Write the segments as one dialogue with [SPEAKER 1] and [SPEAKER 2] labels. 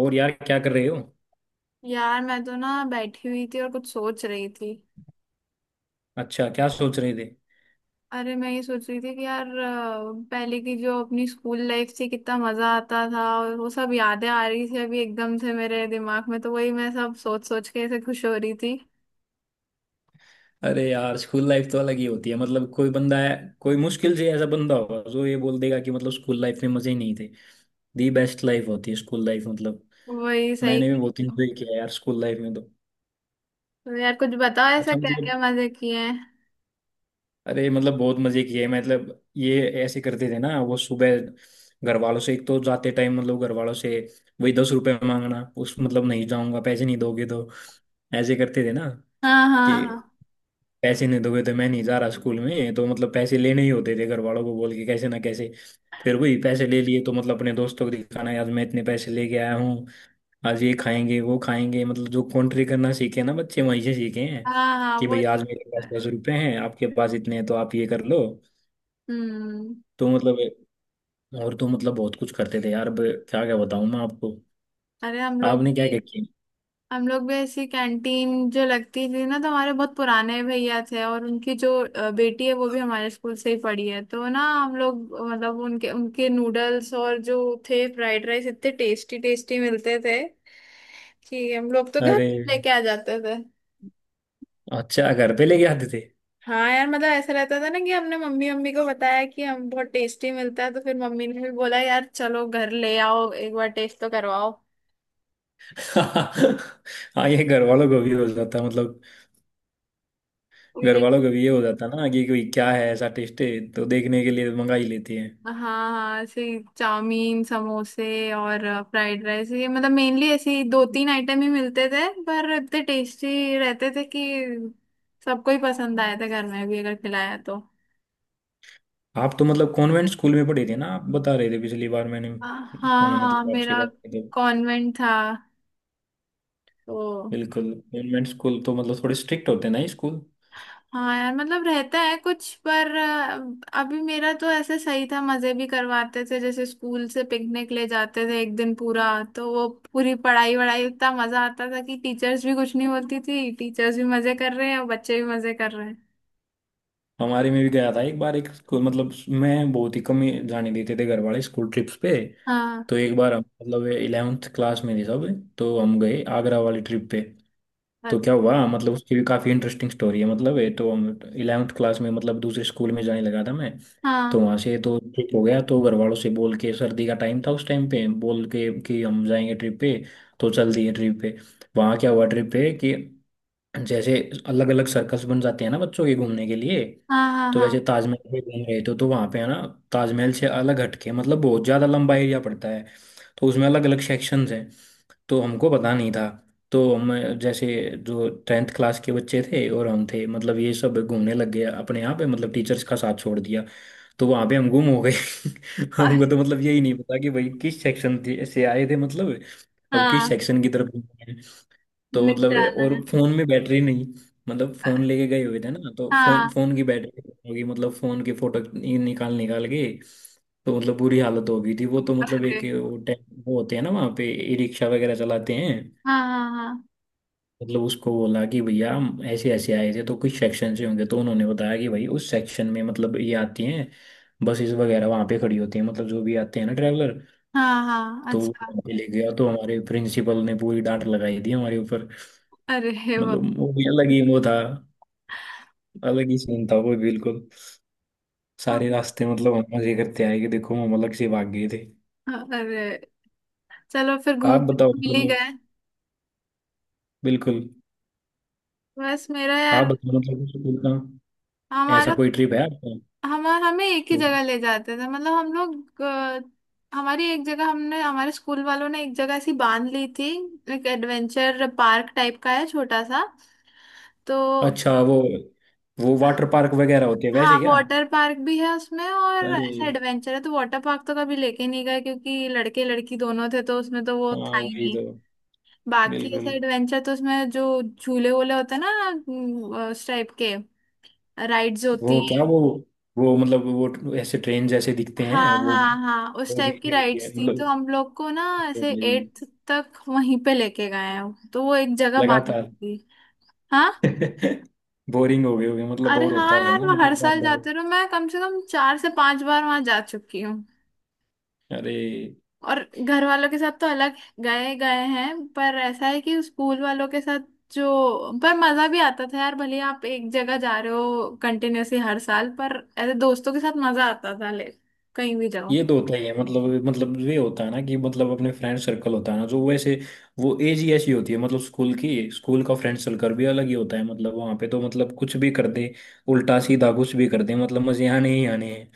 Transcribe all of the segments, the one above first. [SPEAKER 1] और यार क्या कर रहे हो।
[SPEAKER 2] यार मैं तो ना बैठी हुई थी और कुछ सोच रही थी।
[SPEAKER 1] अच्छा क्या सोच रहे थे।
[SPEAKER 2] अरे मैं ये सोच रही थी कि यार पहले की जो अपनी स्कूल लाइफ थी कितना मजा आता था, और वो सब यादें आ रही थी अभी एकदम से मेरे दिमाग में, तो वही मैं सब सोच सोच के ऐसे खुश हो रही थी।
[SPEAKER 1] अरे यार स्कूल लाइफ तो अलग ही होती है। मतलब कोई बंदा है, कोई मुश्किल से ऐसा बंदा होगा जो ये बोल देगा कि मतलब स्कूल लाइफ में मजे ही नहीं थे। दी बेस्ट लाइफ होती है स्कूल लाइफ, मतलब
[SPEAKER 2] वही सही।
[SPEAKER 1] मैंने भी बहुत
[SPEAKER 2] तो
[SPEAKER 1] इंजॉय किया है यार स्कूल लाइफ में तो।
[SPEAKER 2] यार कुछ बताओ ऐसा
[SPEAKER 1] अच्छा
[SPEAKER 2] क्या
[SPEAKER 1] मतलब,
[SPEAKER 2] क्या मजे किए हैं।
[SPEAKER 1] अरे मतलब बहुत मजे किए। मतलब ये ऐसे करते थे ना, वो सुबह घर वालों से, एक तो जाते टाइम मतलब घर वालों से वही 10 रुपए मांगना। उस मतलब नहीं जाऊंगा, पैसे नहीं दोगे तो। ऐसे करते थे ना
[SPEAKER 2] हाँ,
[SPEAKER 1] कि
[SPEAKER 2] हाँ,
[SPEAKER 1] पैसे नहीं दोगे तो मैं नहीं जा रहा स्कूल में। तो मतलब पैसे लेने ही होते थे घर वालों को बोल के, कैसे ना कैसे। फिर वही पैसे ले लिए तो मतलब अपने दोस्तों को दिखाना, यार मैं इतने पैसे लेके आया हूँ, आज ये खाएंगे वो खाएंगे। मतलब जो कॉन्ट्री करना सीखे ना बच्चे, वहीं से सीखे हैं
[SPEAKER 2] हाँ, हाँ, हाँ,
[SPEAKER 1] कि
[SPEAKER 2] वो
[SPEAKER 1] भाई आज
[SPEAKER 2] चीज
[SPEAKER 1] मेरे
[SPEAKER 2] तो
[SPEAKER 1] पास दस
[SPEAKER 2] है।
[SPEAKER 1] रुपए हैं, आपके पास इतने हैं, तो आप ये कर लो।
[SPEAKER 2] हम्म।
[SPEAKER 1] तो मतलब और तो मतलब बहुत कुछ करते थे यार। अब क्या क्या बताऊं मैं आपको,
[SPEAKER 2] अरे हम लोग
[SPEAKER 1] आपने क्या
[SPEAKER 2] भी।
[SPEAKER 1] क्या किया।
[SPEAKER 2] हम लोग भी ऐसी कैंटीन जो लगती थी ना, तो हमारे बहुत पुराने भैया थे और उनकी जो बेटी है वो भी हमारे स्कूल से ही पढ़ी है, तो ना हम लोग मतलब उनके उनके नूडल्स और जो थे फ्राइड राइस इतने टेस्टी टेस्टी मिलते थे कि हम लोग तो घर
[SPEAKER 1] अरे,
[SPEAKER 2] लेके आ जाते थे।
[SPEAKER 1] अच्छा घर पे लेके आते थे।
[SPEAKER 2] हाँ यार, मतलब ऐसा रहता था ना कि हमने मम्मी मम्मी को बताया कि हम बहुत टेस्टी मिलता है, तो फिर मम्मी ने भी बोला यार चलो घर ले आओ एक बार टेस्ट तो करवाओ।
[SPEAKER 1] हाँ, ये घर वालों को भी हो जाता है मतलब। घर वालों को भी ये हो जाता ना कि कोई क्या है, ऐसा टेस्ट है तो देखने के लिए मंगा ही लेते हैं।
[SPEAKER 2] हाँ, हाँ, ऐसे चाउमीन, समोसे और फ्राइड राइस, ये मतलब मेनली ऐसी दो तीन आइटम ही मिलते थे पर इतने टेस्टी रहते थे कि सबको ही पसंद आए थे घर में भी अगर खिलाया तो।
[SPEAKER 1] आप तो मतलब कॉन्वेंट स्कूल में पढ़े थे ना, आप बता रहे थे पिछली बार, मैंने
[SPEAKER 2] हाँ,
[SPEAKER 1] सुना,
[SPEAKER 2] हाँ,
[SPEAKER 1] मतलब आपसे
[SPEAKER 2] मेरा
[SPEAKER 1] बात की थी।
[SPEAKER 2] कॉन्वेंट था तो।
[SPEAKER 1] बिल्कुल कॉन्वेंट स्कूल तो मतलब थोड़े स्ट्रिक्ट होते हैं ना ये स्कूल।
[SPEAKER 2] हाँ यार, मतलब रहता है कुछ पर अभी मेरा तो ऐसे सही था, मजे भी करवाते थे, जैसे स्कूल से पिकनिक ले जाते थे एक दिन पूरा। तो वो पूरी पढ़ाई वढ़ाई, इतना मजा आता था कि टीचर्स भी कुछ नहीं बोलती थी। टीचर्स भी मजे कर रहे हैं और बच्चे भी मजे कर रहे हैं।
[SPEAKER 1] हमारे में भी गया था एक बार एक स्कूल, मतलब मैं, बहुत ही कम ही जाने देते थे घर वाले स्कूल ट्रिप्स पे।
[SPEAKER 2] हाँ।
[SPEAKER 1] तो एक बार हम मतलब इलेवेंथ क्लास में थे सब, तो हम गए आगरा वाली ट्रिप पे। तो
[SPEAKER 2] अच्छा।
[SPEAKER 1] क्या हुआ मतलब, उसकी भी काफ़ी इंटरेस्टिंग स्टोरी है। मतलब है तो हम इलेवेंथ क्लास में, मतलब दूसरे स्कूल में जाने लगा था मैं। तो
[SPEAKER 2] हाँ,
[SPEAKER 1] वहां से तो ठीक हो गया। तो घर वालों से बोल के, सर्दी का टाइम था उस टाइम पे, बोल के कि हम जाएंगे ट्रिप पे। तो चल दिए ट्रिप पे। वहां क्या हुआ ट्रिप पे कि जैसे अलग अलग सर्कस बन जाते हैं ना बच्चों के घूमने के लिए,
[SPEAKER 2] हाँ, हाँ,
[SPEAKER 1] तो वैसे
[SPEAKER 2] हाँ।
[SPEAKER 1] ताजमहल पे घूम रहे थे। तो वहां पे है ना, ताजमहल से अलग हटके मतलब बहुत ज्यादा लंबा एरिया पड़ता है, तो उसमें अलग अलग सेक्शंस हैं। तो हमको पता नहीं था, तो हम जैसे, जो टेंथ क्लास के बच्चे थे और हम थे, मतलब ये सब घूमने लग गए अपने यहाँ पे, मतलब टीचर्स का साथ छोड़ दिया। तो वहाँ पे हम गुम हो गए।
[SPEAKER 2] अरे,
[SPEAKER 1] हमको तो मतलब यही नहीं पता कि भाई किस सेक्शन से आए थे, मतलब अब किस
[SPEAKER 2] हाँ
[SPEAKER 1] सेक्शन की तरफ। तो
[SPEAKER 2] मिल
[SPEAKER 1] मतलब,
[SPEAKER 2] जाना
[SPEAKER 1] और
[SPEAKER 2] है।
[SPEAKER 1] फोन में बैटरी नहीं, मतलब
[SPEAKER 2] अ-
[SPEAKER 1] फोन लेके गए हुए थे ना, तो फोन
[SPEAKER 2] हाँ।
[SPEAKER 1] फोन की बैटरी होगी मतलब, फोन के फोटो निकाल निकाल के। तो मतलब बुरी हालत हो गई थी। वो तो मतलब एक
[SPEAKER 2] अरे,
[SPEAKER 1] वो वो होते हैं ना वहाँ पे, ई रिक्शा वगैरह चलाते हैं,
[SPEAKER 2] हाँ, हाँ,
[SPEAKER 1] मतलब उसको बोला कि भैया हम ऐसे ऐसे आए थे, तो कुछ सेक्शन से होंगे, तो उन्होंने बताया कि भाई उस सेक्शन में मतलब ये आती हैं, बसेस वगैरह वहाँ पे खड़ी होती हैं, मतलब जो भी आते हैं ना ट्रैवलर।
[SPEAKER 2] हाँ, हाँ, हाँ,
[SPEAKER 1] तो वो
[SPEAKER 2] अच्छा।
[SPEAKER 1] वहाँ पे ले गया, तो हमारे प्रिंसिपल ने पूरी डांट लगाई थी हमारे ऊपर।
[SPEAKER 2] अरे वाह।
[SPEAKER 1] मतलब वो भी अलग ही वो था, अलग ही सीन था वो बिल्कुल। सारे
[SPEAKER 2] हाँ,
[SPEAKER 1] रास्ते मतलब हम मजे करते आए कि देखो, हम अलग से भाग गए थे।
[SPEAKER 2] हाँ, अरे चलो फिर घूम
[SPEAKER 1] आप बताओ
[SPEAKER 2] मिल ही
[SPEAKER 1] मतलब,
[SPEAKER 2] गए।
[SPEAKER 1] बिल्कुल,
[SPEAKER 2] बस मेरा
[SPEAKER 1] आप
[SPEAKER 2] यार,
[SPEAKER 1] बताओ मतलब स्कूल का ऐसा
[SPEAKER 2] हमारा,
[SPEAKER 1] कोई ट्रिप है आपका।
[SPEAKER 2] हम हमें एक ही
[SPEAKER 1] तो
[SPEAKER 2] जगह ले जाते थे, मतलब हम लोग, हमारी एक जगह, हमने हमारे स्कूल वालों ने एक जगह ऐसी बांध ली थी। एक एडवेंचर पार्क टाइप का है छोटा सा, तो।
[SPEAKER 1] अच्छा वो वाटर पार्क वगैरह होते हैं
[SPEAKER 2] हाँ
[SPEAKER 1] वैसे क्या।
[SPEAKER 2] वाटर पार्क भी है उसमें और
[SPEAKER 1] अरे
[SPEAKER 2] ऐसा एडवेंचर है, तो वाटर पार्क तो कभी लेके नहीं गए क्योंकि लड़के लड़की दोनों थे तो उसमें तो वो
[SPEAKER 1] हाँ
[SPEAKER 2] था ही
[SPEAKER 1] वही
[SPEAKER 2] नहीं।
[SPEAKER 1] तो,
[SPEAKER 2] बाकी ऐसा
[SPEAKER 1] बिल्कुल।
[SPEAKER 2] एडवेंचर तो उसमें जो झूले वूले होते हैं ना उस टाइप के राइड्स होती।
[SPEAKER 1] वो क्या, वो मतलब वो ऐसे ट्रेन जैसे दिखते हैं
[SPEAKER 2] हाँ,
[SPEAKER 1] वो।
[SPEAKER 2] हाँ, हाँ, उस
[SPEAKER 1] वो भी
[SPEAKER 2] टाइप की
[SPEAKER 1] ये होती है
[SPEAKER 2] राइड्स थी तो
[SPEAKER 1] मतलब,
[SPEAKER 2] हम लोग को ना ऐसे
[SPEAKER 1] भाई
[SPEAKER 2] एट्थ तक वहीं पे लेके गए हैं, तो वो एक जगह बानी
[SPEAKER 1] लगातार।
[SPEAKER 2] थी। हाँ।
[SPEAKER 1] बोरिंग हो गए होगे मतलब,
[SPEAKER 2] अरे
[SPEAKER 1] बोर होता
[SPEAKER 2] हाँ
[SPEAKER 1] होगा
[SPEAKER 2] यार,
[SPEAKER 1] ना
[SPEAKER 2] मैं हर
[SPEAKER 1] मतलब, बार
[SPEAKER 2] साल
[SPEAKER 1] बार।
[SPEAKER 2] जाती रहा, मैं कम से कम 4 से 5 बार वहां जा चुकी हूँ।
[SPEAKER 1] अरे
[SPEAKER 2] और घर वालों के साथ तो अलग गए गए हैं, पर ऐसा है कि स्कूल वालों के साथ जो, पर मजा भी आता था यार, भले आप एक जगह जा रहे हो कंटिन्यूअसली हर साल, पर ऐसे दोस्तों के साथ मजा आता था ले, कहीं भी जाओ।
[SPEAKER 1] ये तो होता ही है मतलब, मतलब ये होता है ना कि मतलब अपने फ्रेंड सर्कल होता है ना, जो वैसे वो एज ही ऐसी होती है, मतलब स्कूल की, स्कूल का फ्रेंड सर्कल भी अलग ही होता है। मतलब वहाँ पे तो मतलब कुछ भी कर दे, उल्टा सीधा कुछ भी कर दे, मतलब मजे आने ही आने हैं।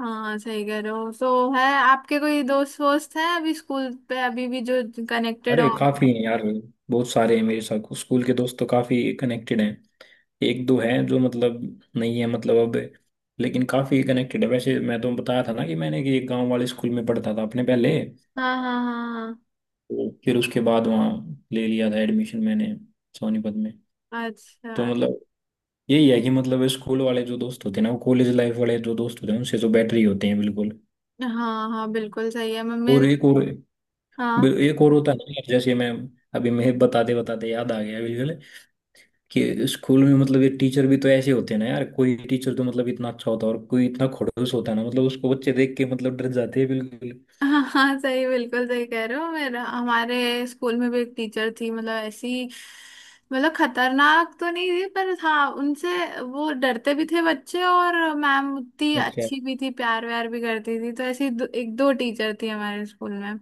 [SPEAKER 2] हाँ सही कह रहे हो। तो है आपके कोई दोस्त वोस्त हैं अभी स्कूल पे, अभी भी जो कनेक्टेड
[SPEAKER 1] अरे
[SPEAKER 2] हो।
[SPEAKER 1] काफी हैं यार, बहुत सारे हैं मेरे साथ स्कूल के दोस्त तो, काफी कनेक्टेड हैं। एक दो हैं जो मतलब नहीं है मतलब अब, लेकिन काफी कनेक्टेड है। वैसे मैं तो बताया था ना कि मैंने, कि एक गांव वाले स्कूल में पढ़ता था अपने पहले,
[SPEAKER 2] हाँ, हाँ, हाँ,
[SPEAKER 1] तो फिर उसके बाद वहाँ ले लिया था एडमिशन मैंने सोनीपत में।
[SPEAKER 2] हाँ,
[SPEAKER 1] तो
[SPEAKER 2] अच्छा,
[SPEAKER 1] मतलब यही है कि मतलब स्कूल वाले जो दोस्त होते हैं ना, वो कॉलेज लाइफ वाले जो दोस्त होते हैं उनसे तो बेटर ही होते हैं बिल्कुल।
[SPEAKER 2] हाँ, हाँ, बिल्कुल सही है मम्मी।
[SPEAKER 1] और एक और,
[SPEAKER 2] हाँ,
[SPEAKER 1] एक और होता है ना, जैसे मैं अभी, मैं बताते बताते याद आ गया बिल्कुल, कि स्कूल में मतलब ये टीचर भी तो ऐसे होते हैं ना यार, कोई टीचर तो मतलब इतना अच्छा होता है, और कोई इतना खड़ूस होता है ना, मतलब उसको बच्चे देख के मतलब डर जाते हैं बिल्कुल।
[SPEAKER 2] हाँ, हाँ सही, बिल्कुल सही कह रहे हो। मेरा, हमारे स्कूल में भी एक टीचर थी, मतलब ऐसी, मतलब खतरनाक तो नहीं थी, पर हाँ उनसे वो डरते भी थे बच्चे, और मैम उतनी
[SPEAKER 1] अच्छा,
[SPEAKER 2] अच्छी भी थी, प्यार व्यार भी करती थी, तो ऐसी एक दो टीचर थी हमारे स्कूल में।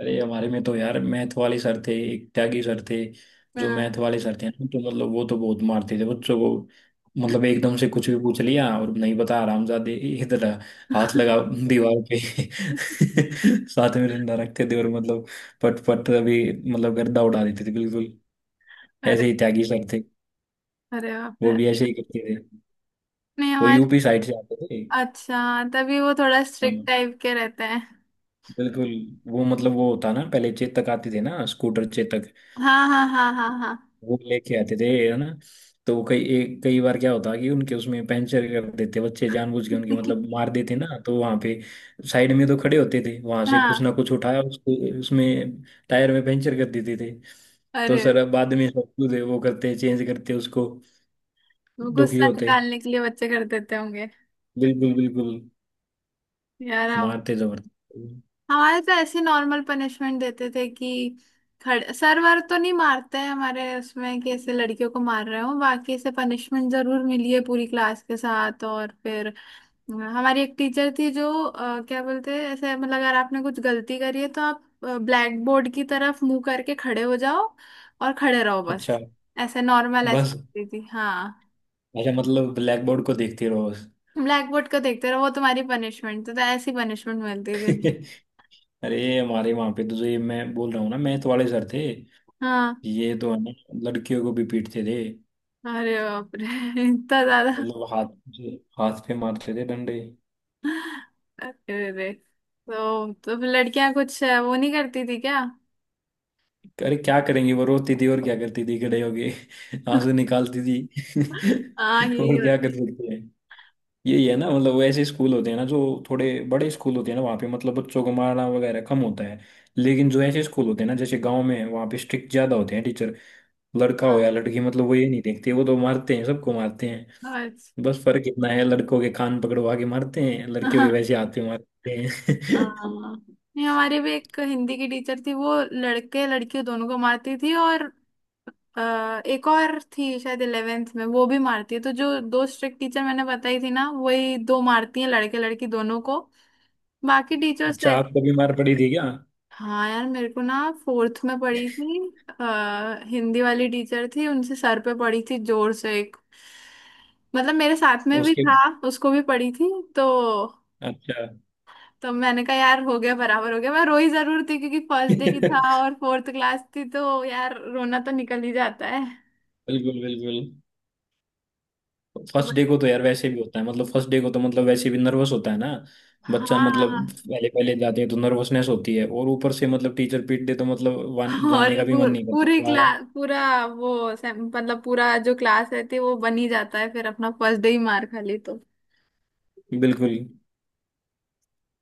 [SPEAKER 1] अरे हमारे में तो यार मैथ वाले सर थे, एक त्यागी सर थे। जो
[SPEAKER 2] हाँ।
[SPEAKER 1] मैथ वाले सर थे ना, तो मतलब वो तो बहुत मारते थे बच्चों को। मतलब एकदम से कुछ भी पूछ लिया और नहीं बता, आरामजादे इधर हाथ लगा दीवार पे। साथ में डंडा रखते थे, और मतलब पट पट अभी, मतलब गर्दा उड़ा देते थे बिल्कुल। ऐसे
[SPEAKER 2] अरे,
[SPEAKER 1] ही त्यागी सर थे,
[SPEAKER 2] अरे बाप
[SPEAKER 1] वो
[SPEAKER 2] रे।
[SPEAKER 1] भी ऐसे ही करते थे।
[SPEAKER 2] नहीं
[SPEAKER 1] वो
[SPEAKER 2] हमारे,
[SPEAKER 1] यूपी साइड से आते थे।
[SPEAKER 2] अच्छा तभी वो थोड़ा स्ट्रिक्ट
[SPEAKER 1] हाँ
[SPEAKER 2] टाइप के रहते हैं।
[SPEAKER 1] बिल्कुल, वो मतलब वो होता ना, पहले चेतक आते थे ना, स्कूटर चेतक,
[SPEAKER 2] हाँ, हाँ, हाँ, हाँ, हाँ,
[SPEAKER 1] वो लेके आते थे है ना। तो वो कई, एक कई बार क्या होता कि उनके उसमें पंचर कर देते बच्चे, जानबूझ के उनके मतलब मार देते ना, तो वहां पे साइड में तो खड़े होते थे, वहां से कुछ ना
[SPEAKER 2] हाँ।
[SPEAKER 1] कुछ उठाया उसको, उसमें टायर में पंचर कर देते थे। तो
[SPEAKER 2] अरे,
[SPEAKER 1] सर अब बाद में सब कुछ वो करते, चेंज करते उसको,
[SPEAKER 2] वो
[SPEAKER 1] दुखी
[SPEAKER 2] गुस्सा
[SPEAKER 1] होते
[SPEAKER 2] निकालने के लिए बच्चे कर देते होंगे।
[SPEAKER 1] बिल्कुल बिल्कुल,
[SPEAKER 2] यार अब
[SPEAKER 1] मारते जबरदस्त।
[SPEAKER 2] हमारे तो ऐसे नॉर्मल पनिशमेंट देते थे कि खड़े, सर वर तो नहीं मारते हैं हमारे उसमें कि ऐसे लड़कियों को मार रहे हो, बाकी ऐसे पनिशमेंट जरूर मिली है पूरी क्लास के साथ। और फिर, हाँ, हमारी एक टीचर थी जो क्या बोलते हैं ऐसे, मतलब अगर आपने कुछ गलती करी है तो आप ब्लैक बोर्ड की तरफ मुंह करके खड़े हो जाओ और खड़े रहो बस।
[SPEAKER 1] अच्छा
[SPEAKER 2] ऐसे नॉर्मल ऐसे
[SPEAKER 1] बस,
[SPEAKER 2] करती थी, हाँ।
[SPEAKER 1] अच्छा मतलब ब्लैक बोर्ड को देखते रहो बस।
[SPEAKER 2] ब्लैक बोर्ड को देखते रहो, वो तुम्हारी पनिशमेंट थी। तो ऐसी पनिशमेंट मिलती थी।
[SPEAKER 1] अरे हमारे वहां पे तो जो ये मैं बोल रहा हूँ ना मैथ वाले सर थे,
[SPEAKER 2] हाँ।
[SPEAKER 1] ये तो है ना लड़कियों को भी पीटते थे।
[SPEAKER 2] अरे बाप रे। इतना ज्यादा?
[SPEAKER 1] मतलब हाथ, हाथ पे मारते थे डंडे।
[SPEAKER 2] अरे रे, तो फिर लड़कियां कुछ वो नहीं करती थी क्या?
[SPEAKER 1] अरे क्या करेंगी, वो रोती थी, और क्या करती थी खड़े होके। आंसू निकालती थी।
[SPEAKER 2] हाँ यही
[SPEAKER 1] और क्या
[SPEAKER 2] होता।
[SPEAKER 1] कर सकते हैं। यही है ना, मतलब वो ऐसे स्कूल होते हैं ना जो थोड़े बड़े स्कूल होते हैं ना, वहाँ पे मतलब बच्चों को मारना वगैरह कम होता है। लेकिन जो ऐसे स्कूल होते हैं ना जैसे गांव में है, वहाँ पे स्ट्रिक्ट ज्यादा होते हैं टीचर। लड़का हो या लड़की, मतलब वो ये नहीं देखते, वो तो मारते हैं, सबको मारते हैं।
[SPEAKER 2] हाँ।
[SPEAKER 1] बस फर्क इतना है, लड़कों के कान पकड़वा के मारते हैं, लड़कियों
[SPEAKER 2] अच्छा।
[SPEAKER 1] के वैसे हाथ पे मारते हैं।
[SPEAKER 2] हाँ, नहीं हमारे भी एक हिंदी की टीचर थी, वो लड़के लड़कियों दोनों को मारती थी। और अ, एक और थी शायद 11th में, वो भी मारती है। तो जो दो स्ट्रिक्ट टीचर मैंने बताई थी ना, वही दो मारती हैं लड़के लड़की दोनों को। बाकी टीचर्स तो
[SPEAKER 1] अच्छा
[SPEAKER 2] ऐसे-
[SPEAKER 1] आपको भी मार पड़ी थी क्या।
[SPEAKER 2] हाँ यार, मेरे को ना फोर्थ में पड़ी थी। हिंदी वाली टीचर थी, उनसे सर पे पड़ी थी जोर से एक। मतलब मेरे साथ में भी
[SPEAKER 1] उसके,
[SPEAKER 2] था, उसको भी पड़ी थी। तो
[SPEAKER 1] अच्छा।
[SPEAKER 2] तो मैंने कहा यार हो गया बराबर हो गया। मैं रोई जरूर थी क्योंकि फर्स्ट डे ही था
[SPEAKER 1] बिल्कुल
[SPEAKER 2] और फोर्थ क्लास थी, तो यार रोना तो निकल ही जाता है।
[SPEAKER 1] बिल्कुल,
[SPEAKER 2] तो
[SPEAKER 1] फर्स्ट
[SPEAKER 2] बस-
[SPEAKER 1] डे को तो यार वैसे भी होता है, मतलब फर्स्ट डे को तो मतलब वैसे भी नर्वस होता है ना बच्चा, मतलब
[SPEAKER 2] हाँ,
[SPEAKER 1] पहले पहले जाते हैं तो नर्वसनेस होती है, और ऊपर से मतलब टीचर पीट दे तो मतलब
[SPEAKER 2] और
[SPEAKER 1] जाने का भी मन नहीं करता
[SPEAKER 2] पूरी
[SPEAKER 1] दोबारा।
[SPEAKER 2] क्लास, पूरा वो से- मतलब पूरा जो क्लास रहती है वो बन ही जाता है, फिर अपना फर्स्ट डे ही मार खा ली तो।
[SPEAKER 1] बिल्कुल।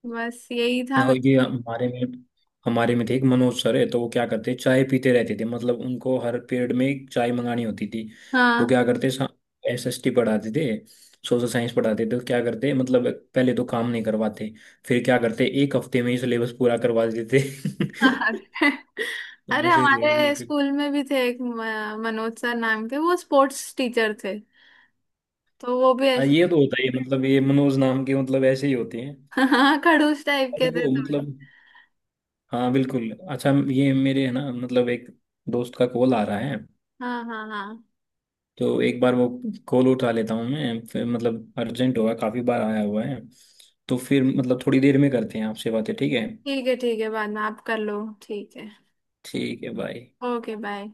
[SPEAKER 2] बस यही था मैं।
[SPEAKER 1] और ये हमारे में, हमारे में थे एक मनोज सर है, तो वो क्या करते, चाय पीते रहते थे, मतलब उनको हर पीरियड में एक चाय मंगानी होती थी। वो
[SPEAKER 2] हाँ।
[SPEAKER 1] क्या करते, SST पढ़ाते थे, सोशल साइंस पढ़ाते थे। तो क्या करते मतलब, पहले तो काम नहीं करवाते, फिर क्या करते, एक हफ्ते में ही सिलेबस पूरा करवा देते।
[SPEAKER 2] अरे अरे,
[SPEAKER 1] ऐसे ही थी वो,
[SPEAKER 2] हमारे
[SPEAKER 1] बिल्कुल।
[SPEAKER 2] स्कूल में भी थे एक मनोज सर नाम के, वो स्पोर्ट्स टीचर थे। तो वो भी
[SPEAKER 1] हाँ,
[SPEAKER 2] ऐसे,
[SPEAKER 1] ये तो होता ही है मतलब, ये मनोज नाम के मतलब ऐसे ही होते हैं
[SPEAKER 2] हाँ खड़ूस टाइप के थे
[SPEAKER 1] सबको,
[SPEAKER 2] थोड़े।
[SPEAKER 1] मतलब हाँ बिल्कुल। अच्छा ये मेरे है ना मतलब एक दोस्त का कॉल आ रहा है,
[SPEAKER 2] हाँ, हाँ, हाँ,
[SPEAKER 1] तो एक बार वो कॉल उठा लेता हूँ मैं, फिर मतलब अर्जेंट होगा, काफी बार आया हुआ है। तो फिर मतलब थोड़ी देर में करते हैं आपसे बातें, ठीक है।
[SPEAKER 2] ठीक है, ठीक है बाद में आप कर लो। ठीक है।
[SPEAKER 1] ठीक है, बाय।
[SPEAKER 2] Okay bye.